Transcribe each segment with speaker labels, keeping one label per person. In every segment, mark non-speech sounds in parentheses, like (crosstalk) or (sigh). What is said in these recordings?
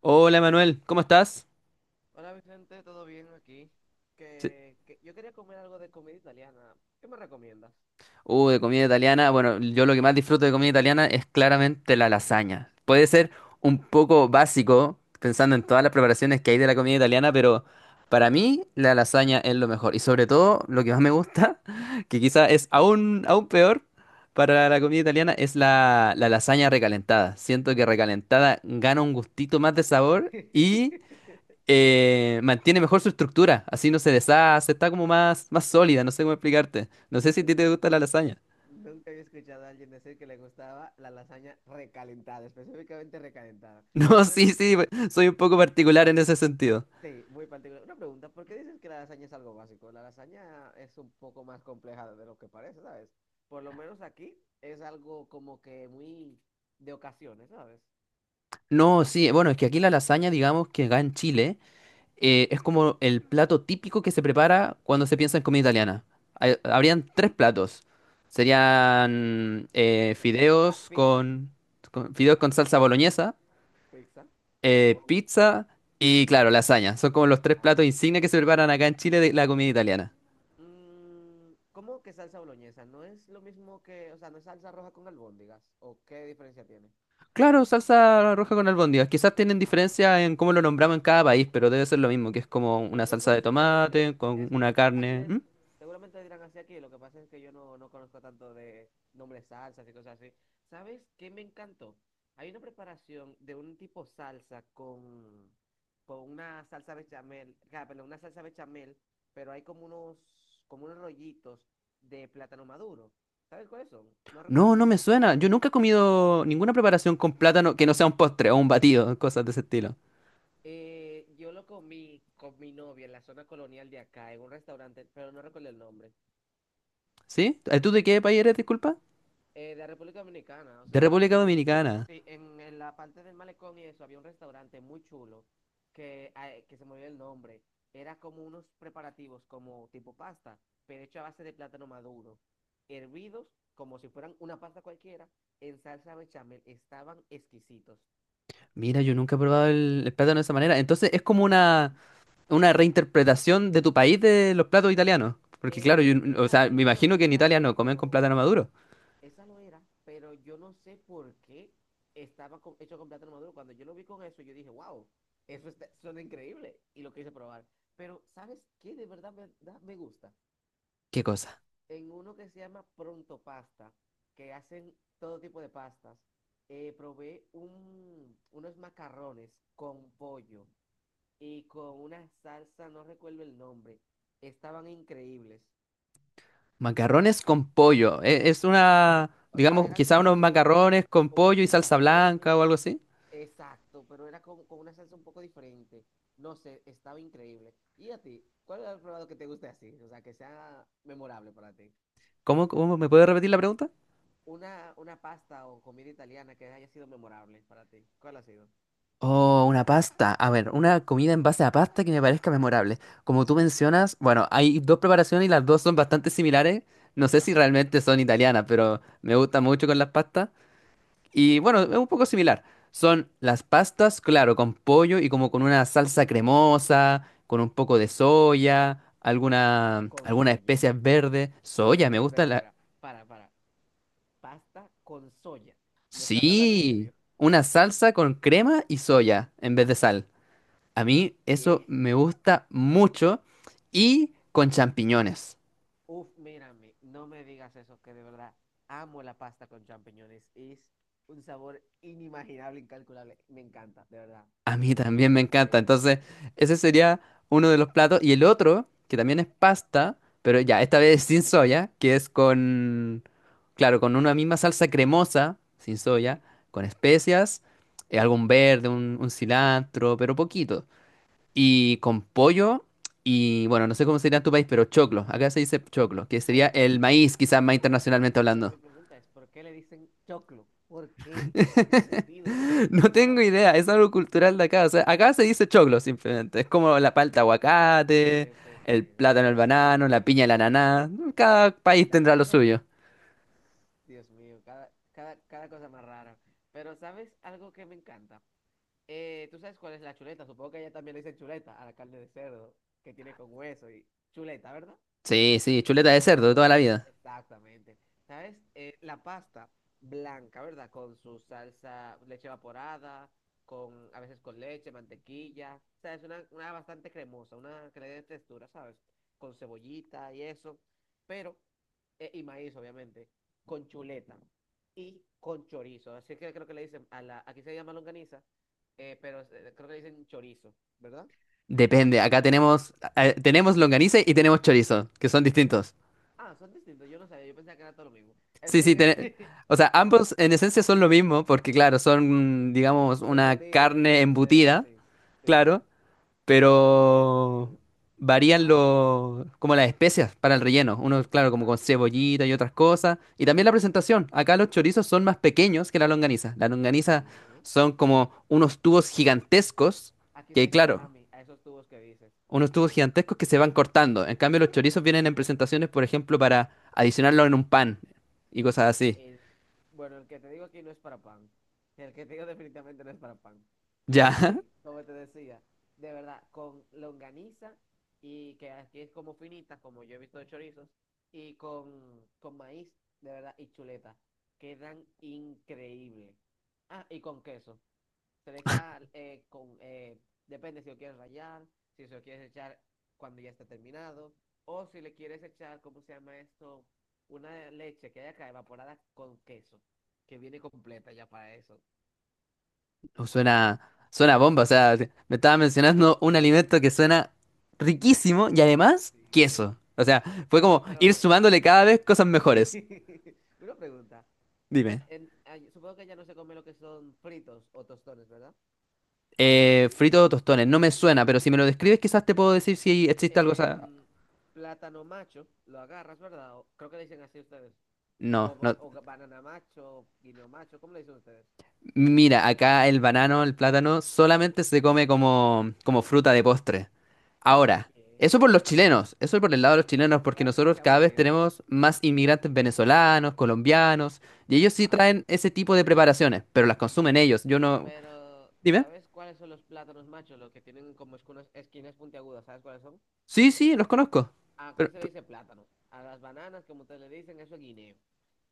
Speaker 1: Hola Manuel, ¿cómo estás?
Speaker 2: Hola Vicente, ¿todo bien aquí?
Speaker 1: Sí.
Speaker 2: Que yo quería comer algo de comida italiana. ¿Qué me recomiendas?
Speaker 1: De comida italiana. Bueno, yo lo que más disfruto de comida italiana es claramente la lasaña. Puede ser un poco básico, pensando en todas las preparaciones que hay de la comida italiana, pero para mí la lasaña es lo mejor. Y sobre todo, lo que más me gusta, (laughs) que quizá es aún peor para la comida italiana, es la lasaña recalentada. Siento que recalentada gana un gustito más de sabor y
Speaker 2: (laughs)
Speaker 1: mantiene mejor su estructura, así no se deshace, está como más sólida, no sé cómo explicarte. No sé si a ti
Speaker 2: Nunca,
Speaker 1: te gusta la lasaña. (laughs)
Speaker 2: nunca había escuchado a alguien decir que le gustaba la lasaña recalentada, específicamente recalentada.
Speaker 1: No, sí,
Speaker 2: Pero
Speaker 1: sí, pues, soy un poco particular en ese sentido.
Speaker 2: sí, muy particular. Una pregunta, ¿por qué dices que la lasaña es algo básico? La lasaña es un poco más compleja de lo que parece, ¿sabes? Por lo menos aquí es algo como que muy de ocasiones, ¿sabes?
Speaker 1: No, sí, bueno, es que aquí la lasaña, digamos que acá en Chile, es como el plato típico que se prepara cuando se piensa en comida italiana. Habrían tres platos. Serían
Speaker 2: Pa- eh, pa-
Speaker 1: fideos
Speaker 2: pizza,
Speaker 1: fideos con salsa boloñesa,
Speaker 2: pizza, supongo.
Speaker 1: pizza y, claro, lasaña. Son como los tres
Speaker 2: Ah,
Speaker 1: platos insignia que se preparan acá en Chile de la comida italiana.
Speaker 2: ¿Cómo que salsa boloñesa? ¿No es lo mismo que, o sea, no es salsa roja con albóndigas? ¿O qué diferencia tiene?
Speaker 1: Claro, salsa roja con albóndigas. Quizás tienen
Speaker 2: Ah,
Speaker 1: diferencia en cómo lo nombramos en cada país, pero debe ser lo mismo, que es como una
Speaker 2: no, no,
Speaker 1: salsa
Speaker 2: no,
Speaker 1: de
Speaker 2: sí, pero es,
Speaker 1: tomate con
Speaker 2: es
Speaker 1: una
Speaker 2: que la- aquí
Speaker 1: carne.
Speaker 2: le,
Speaker 1: ¿Mm?
Speaker 2: seguramente le dirán así aquí, lo que pasa es que yo no, no conozco tanto de nombres salsas y cosas así. ¿Sabes qué me encantó? Hay una preparación de un tipo salsa con una salsa bechamel, ah, perdón, una salsa bechamel, pero hay como unos rollitos de plátano maduro. ¿Sabes cuáles son? No recuerdo el
Speaker 1: No, no me
Speaker 2: nombre.
Speaker 1: suena. Yo nunca he comido ninguna preparación con plátano que no sea un postre o un batido, cosas de ese estilo.
Speaker 2: Yo lo comí con mi novia en la zona colonial de acá, en un restaurante, pero no recuerdo el nombre,
Speaker 1: ¿Sí? ¿Tú de qué país eres, disculpa?
Speaker 2: de República Dominicana, o
Speaker 1: De
Speaker 2: sea,
Speaker 1: República
Speaker 2: en un,
Speaker 1: Dominicana.
Speaker 2: sí, en la parte del malecón y eso había un restaurante muy chulo que, ah, que se me olvidó el nombre. Era como unos preparativos como tipo pasta, pero hecho a base de plátano maduro, hervidos como si fueran una pasta cualquiera, en salsa bechamel, estaban exquisitos.
Speaker 1: Mira, yo nunca he probado el plátano de esa manera. Entonces es como
Speaker 2: Sí.
Speaker 1: una reinterpretación de tu país de los platos italianos. Porque claro,
Speaker 2: Eh,
Speaker 1: o
Speaker 2: esa,
Speaker 1: sea, me
Speaker 2: esa, lo,
Speaker 1: imagino que en
Speaker 2: esa no
Speaker 1: Italia
Speaker 2: era,
Speaker 1: no comen con
Speaker 2: pero
Speaker 1: plátano maduro.
Speaker 2: esa lo era, pero yo no sé por qué hecho con plátano maduro. Cuando yo lo vi con eso, yo dije, wow, suena increíble. Y lo quise probar. Pero, ¿sabes qué? De verdad me gusta.
Speaker 1: ¿Qué cosa?
Speaker 2: En uno que se llama Pronto Pasta, que hacen todo tipo de pastas, unos macarrones con pollo y con una salsa, no recuerdo el nombre. Estaban increíbles.
Speaker 1: Macarrones con pollo. Es una,
Speaker 2: O sea,
Speaker 1: digamos,
Speaker 2: era
Speaker 1: quizá unos
Speaker 2: tipo como,
Speaker 1: macarrones con
Speaker 2: como unos
Speaker 1: pollo y salsa blanca
Speaker 2: mostachones.
Speaker 1: o algo así.
Speaker 2: Exacto, pero era como con una salsa un poco diferente. No sé, estaba increíble. ¿Y a ti? ¿Cuál es el probado que te guste así? O sea, que sea memorable para ti.
Speaker 1: ¿Cómo, cómo me puede repetir la pregunta?
Speaker 2: Una pasta o comida italiana que haya sido memorable para ti. ¿Cuál ha sido?
Speaker 1: Oh, una pasta. A ver, una comida en base a pasta que me parezca memorable. Como tú mencionas, bueno, hay dos preparaciones y las dos son bastante similares. No sé si
Speaker 2: Ajá.
Speaker 1: realmente son italianas, pero me gusta mucho con las pastas. Y bueno, es un poco similar. Son las pastas, claro, con pollo y como con una salsa cremosa, con un poco de soya,
Speaker 2: ¿Con
Speaker 1: algunas
Speaker 2: soya?
Speaker 1: especias verdes. Soya, me
Speaker 2: Espera, espera,
Speaker 1: gusta la...
Speaker 2: espera. Para, para. Pasta con soya. ¿Me estás hablando en
Speaker 1: Sí,
Speaker 2: serio?
Speaker 1: una salsa con crema y soya en vez de sal. A mí eso
Speaker 2: ¿Qué?
Speaker 1: me gusta mucho. Y con champiñones.
Speaker 2: Uf, mírame, no me digas eso, que de verdad amo la pasta con champiñones. Es un sabor inimaginable, incalculable. Me encanta, de verdad.
Speaker 1: A mí
Speaker 2: Me parece
Speaker 1: también me encanta.
Speaker 2: increíble.
Speaker 1: Entonces, ese sería uno de los platos. Y el otro, que también es pasta, pero ya, esta vez (laughs) sin soya, que es con, claro, con una misma salsa cremosa, sin soya,
Speaker 2: ¿Eh?
Speaker 1: con especias, algún verde, un cilantro, pero poquito. Y con pollo y, bueno, no sé cómo sería en tu país, pero choclo. Acá se dice choclo, que sería
Speaker 2: Maíz,
Speaker 1: el
Speaker 2: maíz, maíz,
Speaker 1: maíz, quizás más
Speaker 2: maíz.
Speaker 1: internacionalmente
Speaker 2: Pero mi
Speaker 1: hablando.
Speaker 2: pregunta es, ¿por qué le dicen choclo? ¿Por qué? No tiene sentido.
Speaker 1: (laughs) No tengo
Speaker 2: Pero,
Speaker 1: idea, es algo cultural de acá. O sea, acá se dice choclo simplemente. Es como la palta
Speaker 2: sí,
Speaker 1: aguacate,
Speaker 2: sí, sí,
Speaker 1: el
Speaker 2: sí.
Speaker 1: plátano el
Speaker 2: Ustedes hablan
Speaker 1: banano, la piña el
Speaker 2: malísimo.
Speaker 1: ananá. Cada país
Speaker 2: Na,
Speaker 1: tendrá
Speaker 2: na,
Speaker 1: lo
Speaker 2: na.
Speaker 1: suyo.
Speaker 2: Dios mío, cada cosa más rara. Pero, ¿sabes algo que me encanta? ¿Tú sabes cuál es la chuleta? Supongo que ella también le dice chuleta a la carne de cerdo que tiene con hueso y chuleta, ¿verdad?
Speaker 1: Sí, sí, chuleta de
Speaker 2: No,
Speaker 1: cerdo de
Speaker 2: por...
Speaker 1: toda la vida.
Speaker 2: Exactamente. ¿Sabes? La pasta blanca, ¿verdad? Con su salsa, leche evaporada, con, a veces con leche, mantequilla. O sea, es una bastante cremosa, una que le dé textura, ¿sabes? Con cebollita y eso. Pero, y maíz, obviamente, con chuleta y con chorizo. Así que creo que le dicen, a la, aquí se llama longaniza, pero creo que le dicen chorizo, ¿verdad?
Speaker 1: Depende, acá tenemos, tenemos longaniza y tenemos chorizo, que son distintos.
Speaker 2: Ah, son distintos, yo no sabía, yo pensaba que era todo lo mismo. En
Speaker 1: Sí, sí,
Speaker 2: fin, (laughs)
Speaker 1: o sea, ambos en esencia son lo mismo, porque claro, son, digamos,
Speaker 2: un
Speaker 1: una
Speaker 2: embutido hecho
Speaker 1: carne
Speaker 2: del cerdo,
Speaker 1: embutida,
Speaker 2: sí. Sí,
Speaker 1: claro.
Speaker 2: sí. Pero sabe diferente,
Speaker 1: Pero
Speaker 2: obvio.
Speaker 1: varían
Speaker 2: Ah, es que,
Speaker 1: los, como las especias para el relleno. Uno,
Speaker 2: sí,
Speaker 1: claro, como con
Speaker 2: exacto.
Speaker 1: cebollita y otras cosas. Y también la presentación. Acá los chorizos son más pequeños que la longaniza. La longaniza
Speaker 2: ¿Qué?
Speaker 1: son como unos tubos gigantescos,
Speaker 2: Aquí se
Speaker 1: que
Speaker 2: dice
Speaker 1: claro,
Speaker 2: salami, a esos tubos que dices.
Speaker 1: unos tubos gigantescos que se van cortando. En cambio, los chorizos vienen en presentaciones, por ejemplo, para adicionarlo en un pan y cosas así.
Speaker 2: El, bueno, el que te digo aquí no es para pan. El que te digo definitivamente no es para pan.
Speaker 1: Ya.
Speaker 2: En fin,
Speaker 1: (laughs)
Speaker 2: como te decía, de verdad, con longaniza y que aquí es como finita, como yo he visto de chorizos, y con maíz, de verdad, y chuleta. Quedan increíbles. Ah, y con queso. Se le echa depende si lo quieres rallar, si se lo quieres echar cuando ya está terminado, o si le quieres echar, ¿cómo se llama esto? Una leche que haya acá evaporada con queso, que viene completa ya para eso.
Speaker 1: Uh, Suena, suena bomba, o sea, me estaba mencionando un alimento que suena riquísimo y además
Speaker 2: Sí.
Speaker 1: queso. O sea, fue
Speaker 2: Pero,
Speaker 1: como ir
Speaker 2: pero,
Speaker 1: sumándole cada vez cosas mejores.
Speaker 2: (laughs) una pregunta.
Speaker 1: Dime.
Speaker 2: Supongo que ya no se come lo que son fritos o tostones, ¿verdad?
Speaker 1: Frito o tostones, no me suena, pero si me lo describes quizás te puedo decir si existe algo. O sea,
Speaker 2: Em, plátano macho, lo agarras, ¿verdad? Creo que le dicen así ustedes. O,
Speaker 1: no, no.
Speaker 2: ba- o ga- banana macho, guineo macho, ¿cómo le dicen ustedes?
Speaker 1: Mira, acá el banano, el plátano, solamente se come como, como fruta de postre. Ahora,
Speaker 2: ¿Qué?
Speaker 1: eso
Speaker 2: No,
Speaker 1: por los
Speaker 2: no, no, no.
Speaker 1: chilenos, eso por el lado de los chilenos, porque nosotros
Speaker 2: Qué
Speaker 1: cada vez
Speaker 2: aburrido.
Speaker 1: tenemos más inmigrantes venezolanos, colombianos, y ellos sí
Speaker 2: Ajá.
Speaker 1: traen ese tipo de preparaciones, pero las consumen ellos. Yo no...
Speaker 2: Pero,
Speaker 1: Dime.
Speaker 2: ¿sabes cuáles son los plátanos machos? Los que tienen como esquinas, esquinas puntiagudas. ¿Sabes cuáles son?
Speaker 1: Sí, sí, los conozco.
Speaker 2: Aquí
Speaker 1: Pero,
Speaker 2: se le
Speaker 1: pero,
Speaker 2: dice plátano. A las bananas, como ustedes le dicen, eso es guineo.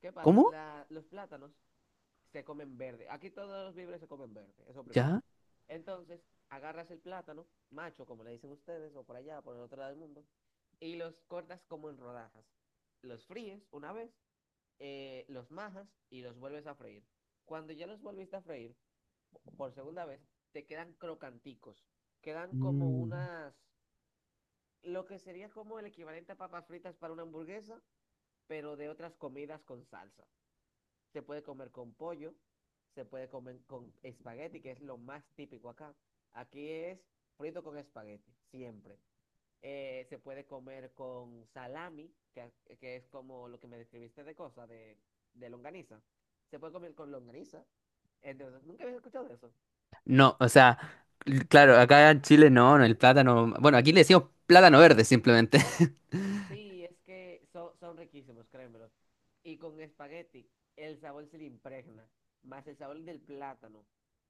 Speaker 2: ¿Qué pasa?
Speaker 1: ¿Cómo?
Speaker 2: Los plátanos se comen verde. Aquí todos los víveres se comen verde. Eso primero.
Speaker 1: ¿Ya?
Speaker 2: Entonces, agarras el plátano, macho, como le dicen ustedes, o por allá, por el otro lado del mundo, y los cortas como en rodajas. Los fríes una vez, los majas y los vuelves a freír. Cuando ya los volviste a freír por segunda vez, te quedan crocanticos. Quedan como
Speaker 1: Mm.
Speaker 2: unas, lo que sería como el equivalente a papas fritas para una hamburguesa, pero de otras comidas con salsa. Se puede comer con pollo, se puede comer con espagueti, que es lo más típico acá. Aquí es frito con espagueti, siempre. Se puede comer con salami, que es como lo que me describiste de cosas, de longaniza. Se puede comer con longaniza. Entonces, nunca había escuchado de eso.
Speaker 1: No, o sea, claro, acá en Chile, no, no, el plátano... Bueno, aquí le decimos plátano verde simplemente.
Speaker 2: Sí, es que son riquísimos, créemelo. Y con espagueti, el sabor se le impregna, más el sabor del plátano.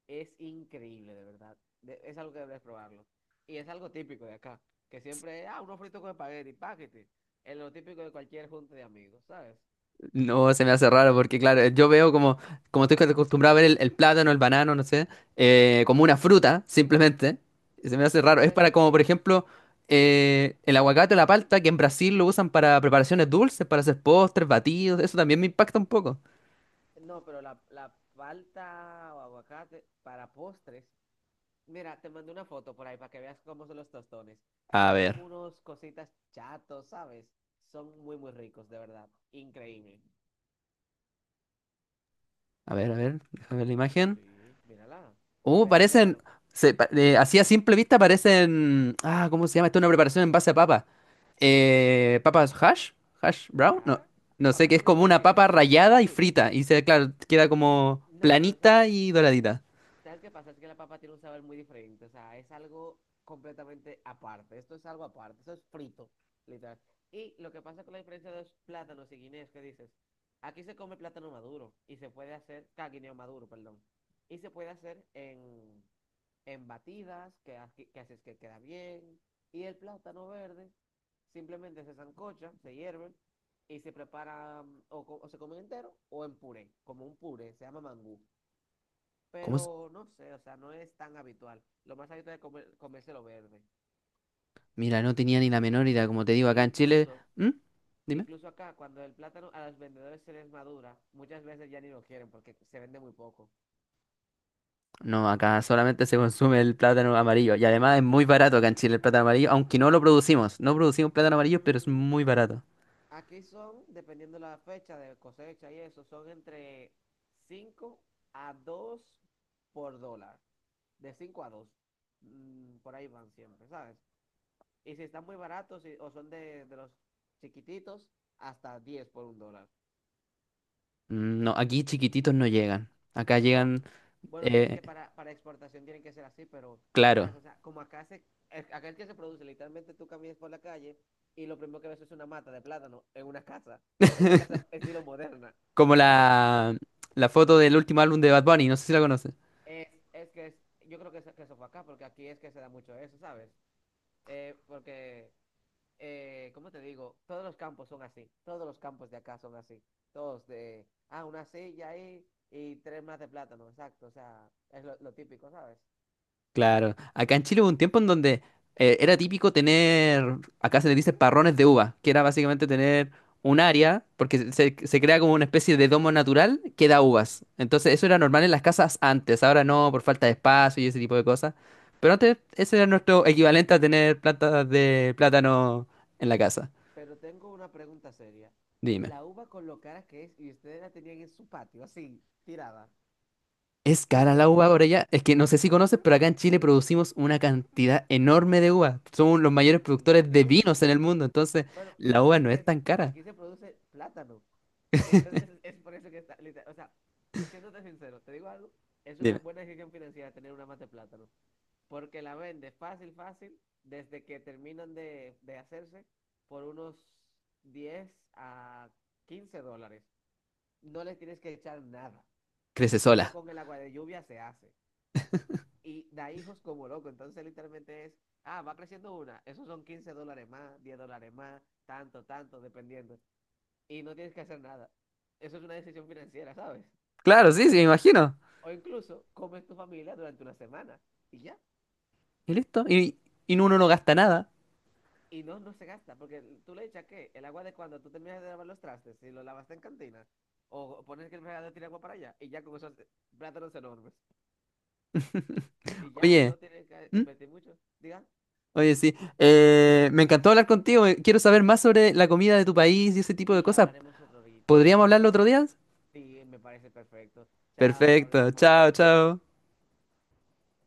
Speaker 2: Es increíble, de verdad. Es algo que debes probarlo. Y es algo típico de acá, que siempre, ah, unos fritos con espagueti, paquete. Es lo típico de cualquier junta de amigos, ¿sabes?
Speaker 1: No, se me hace raro porque, claro, yo veo como, como estoy acostumbrado a ver el plátano, el banano, no sé, como una fruta, simplemente. Y se me hace
Speaker 2: Sí,
Speaker 1: raro. Es
Speaker 2: pero es
Speaker 1: para como, por
Speaker 2: que.
Speaker 1: ejemplo, el aguacate o la palta, que en Brasil lo usan para preparaciones dulces, para hacer postres, batidos. Eso también me impacta un poco.
Speaker 2: No, pero la palta o aguacate para postres. Mira, te mandé una foto por ahí para que veas cómo son los tostones.
Speaker 1: A
Speaker 2: Son como
Speaker 1: ver,
Speaker 2: unos cositas chatos, ¿sabes? Son muy, muy ricos, de verdad. Increíble.
Speaker 1: a ver, déjame ver la imagen.
Speaker 2: Sí, mírala.
Speaker 1: Uh,
Speaker 2: Pero
Speaker 1: parecen,
Speaker 2: créemelo.
Speaker 1: así a simple vista parecen, ah, ¿cómo se llama? Esto es una preparación en base a papa. Eh, papas hash, hash
Speaker 2: ¿Qué?
Speaker 1: brown, no, no sé, que
Speaker 2: ¿Papas
Speaker 1: es como
Speaker 2: fritas,
Speaker 1: una
Speaker 2: dices?
Speaker 1: papa
Speaker 2: ¿Con papas
Speaker 1: rallada y
Speaker 2: fritas?
Speaker 1: frita y se, claro, queda
Speaker 2: Mm,
Speaker 1: como
Speaker 2: no, pero ¿sabes
Speaker 1: planita y doradita.
Speaker 2: ¿Sabes qué pasa? Es que la papa tiene un sabor muy diferente. O sea, es algo completamente aparte. Esto es algo aparte. Eso es frito, literal. Y lo que pasa con la diferencia de los plátanos y guineos que dices, aquí se come plátano maduro y se puede hacer, ah, guineo maduro, perdón. Y se puede hacer en batidas, que, que haces que queda bien. Y el plátano verde simplemente se sancocha, se hierve y se prepara mm, o se come entero o en puré, como un puré, se llama mangú,
Speaker 1: ¿Cómo se-
Speaker 2: pero no sé, o sea, no es tan habitual. Lo más habitual es comerse lo verde.
Speaker 1: Mira, no tenía ni la menor idea, como te digo,
Speaker 2: E
Speaker 1: acá en Chile.
Speaker 2: incluso,
Speaker 1: ¿Mm? Dime.
Speaker 2: incluso acá, cuando el plátano a los vendedores se les madura, muchas veces ya ni lo quieren porque se vende muy poco.
Speaker 1: No, acá solamente se consume el plátano amarillo y además es muy barato acá en Chile el plátano amarillo, aunque no lo producimos, no producimos plátano amarillo, pero es
Speaker 2: Mm,
Speaker 1: muy barato.
Speaker 2: aquí son, dependiendo la fecha de cosecha y eso, son entre 5 a 2 por dólar. De 5 a dos. Mm, por ahí van siempre, ¿sabes? Y si están muy baratos y- o son de los chiquititos, hasta 10 por $1.
Speaker 1: Mm. No, aquí chiquititos no llegan. Acá
Speaker 2: No,
Speaker 1: llegan.
Speaker 2: bueno, sí, es
Speaker 1: Eh,
Speaker 2: que para exportación tienen que ser así, pero, ¿sabes?
Speaker 1: claro.
Speaker 2: O sea, como acá se, acá el que se produce, literalmente tú caminas por la calle y lo primero que ves es una mata de plátano en una casa, en una casa, (laughs)
Speaker 1: (laughs)
Speaker 2: estilo moderna,
Speaker 1: Como
Speaker 2: ¿sabes?
Speaker 1: la foto del último álbum de Bad Bunny, no sé si la conoces.
Speaker 2: Es, es que es, yo creo que, es que eso fue acá, porque aquí es que se da mucho eso, ¿sabes? Porque, ¿cómo te digo? Todos los campos son así, todos los campos de acá son así, todos de, ah, una silla ahí y tres más de plátano, exacto, o sea, es lo típico, ¿sabes?
Speaker 1: Claro. Acá en Chile hubo un tiempo en donde era típico tener, acá se le dice parrones de uva, que era básicamente tener un área, porque se crea como una especie de domo natural que da
Speaker 2: Sí.
Speaker 1: uvas. Entonces eso era normal en las casas antes, ahora no, por falta de espacio y ese tipo de cosas. Pero antes ese era nuestro equivalente a tener plantas de plátano en la casa.
Speaker 2: Pero tengo una pregunta seria.
Speaker 1: Dime.
Speaker 2: La uva con lo cara que es y ustedes la tenían en su patio, así, tirada.
Speaker 1: Es
Speaker 2: ¿En
Speaker 1: cara la
Speaker 2: serio?
Speaker 1: uva por allá. Es que no sé si conoces, pero acá en Chile producimos una cantidad enorme de uva. Somos los mayores
Speaker 2: ¿En
Speaker 1: productores de
Speaker 2: serio?
Speaker 1: vinos en el mundo, entonces
Speaker 2: Bueno,
Speaker 1: la
Speaker 2: aquí
Speaker 1: uva
Speaker 2: es
Speaker 1: no
Speaker 2: que
Speaker 1: es
Speaker 2: es-
Speaker 1: tan cara.
Speaker 2: aquí se produce plátano. Entonces (laughs) es por eso que está, o sea, siéndote sincero, te digo algo, es una
Speaker 1: Dime,
Speaker 2: buena decisión financiera tener una mata de plátano, porque la vende fácil, fácil, desde que terminan de hacerse por unos 10 a $15. No le tienes que echar nada.
Speaker 1: crece
Speaker 2: Eso
Speaker 1: sola.
Speaker 2: con el agua de lluvia se hace. Y da hijos como loco. Entonces literalmente es, ah, va creciendo una. Esos son $15 más, $10 más, tanto, tanto, dependiendo. Y no tienes que hacer nada. Eso es una decisión financiera, ¿sabes?
Speaker 1: Claro, sí, sí, me imagino.
Speaker 2: O incluso comes tu familia durante una semana y ya.
Speaker 1: Y listo. Y uno no gasta nada.
Speaker 2: Y no, no se gasta, porque tú le echas ¿qué? El agua de cuando tú terminas de lavar los trastes, si lo lavaste en cantina, o pones que el fregadero tiene agua para allá, y ya con esos plátanos enormes.
Speaker 1: (laughs)
Speaker 2: Y ya, y
Speaker 1: Oye,
Speaker 2: no tienes que,
Speaker 1: ¿mm?
Speaker 2: invertir mucho. Diga,
Speaker 1: Oye, sí. Me encantó hablar contigo. Quiero saber más sobre la comida de tu país y ese tipo de
Speaker 2: sí,
Speaker 1: cosas.
Speaker 2: hablaremos
Speaker 1: ¿Podríamos
Speaker 2: ahorita,
Speaker 1: hablarlo
Speaker 2: otro
Speaker 1: otro
Speaker 2: rato.
Speaker 1: día?
Speaker 2: Sí, me parece perfecto. Chao,
Speaker 1: Perfecto.
Speaker 2: hablamos.
Speaker 1: Chao, chao.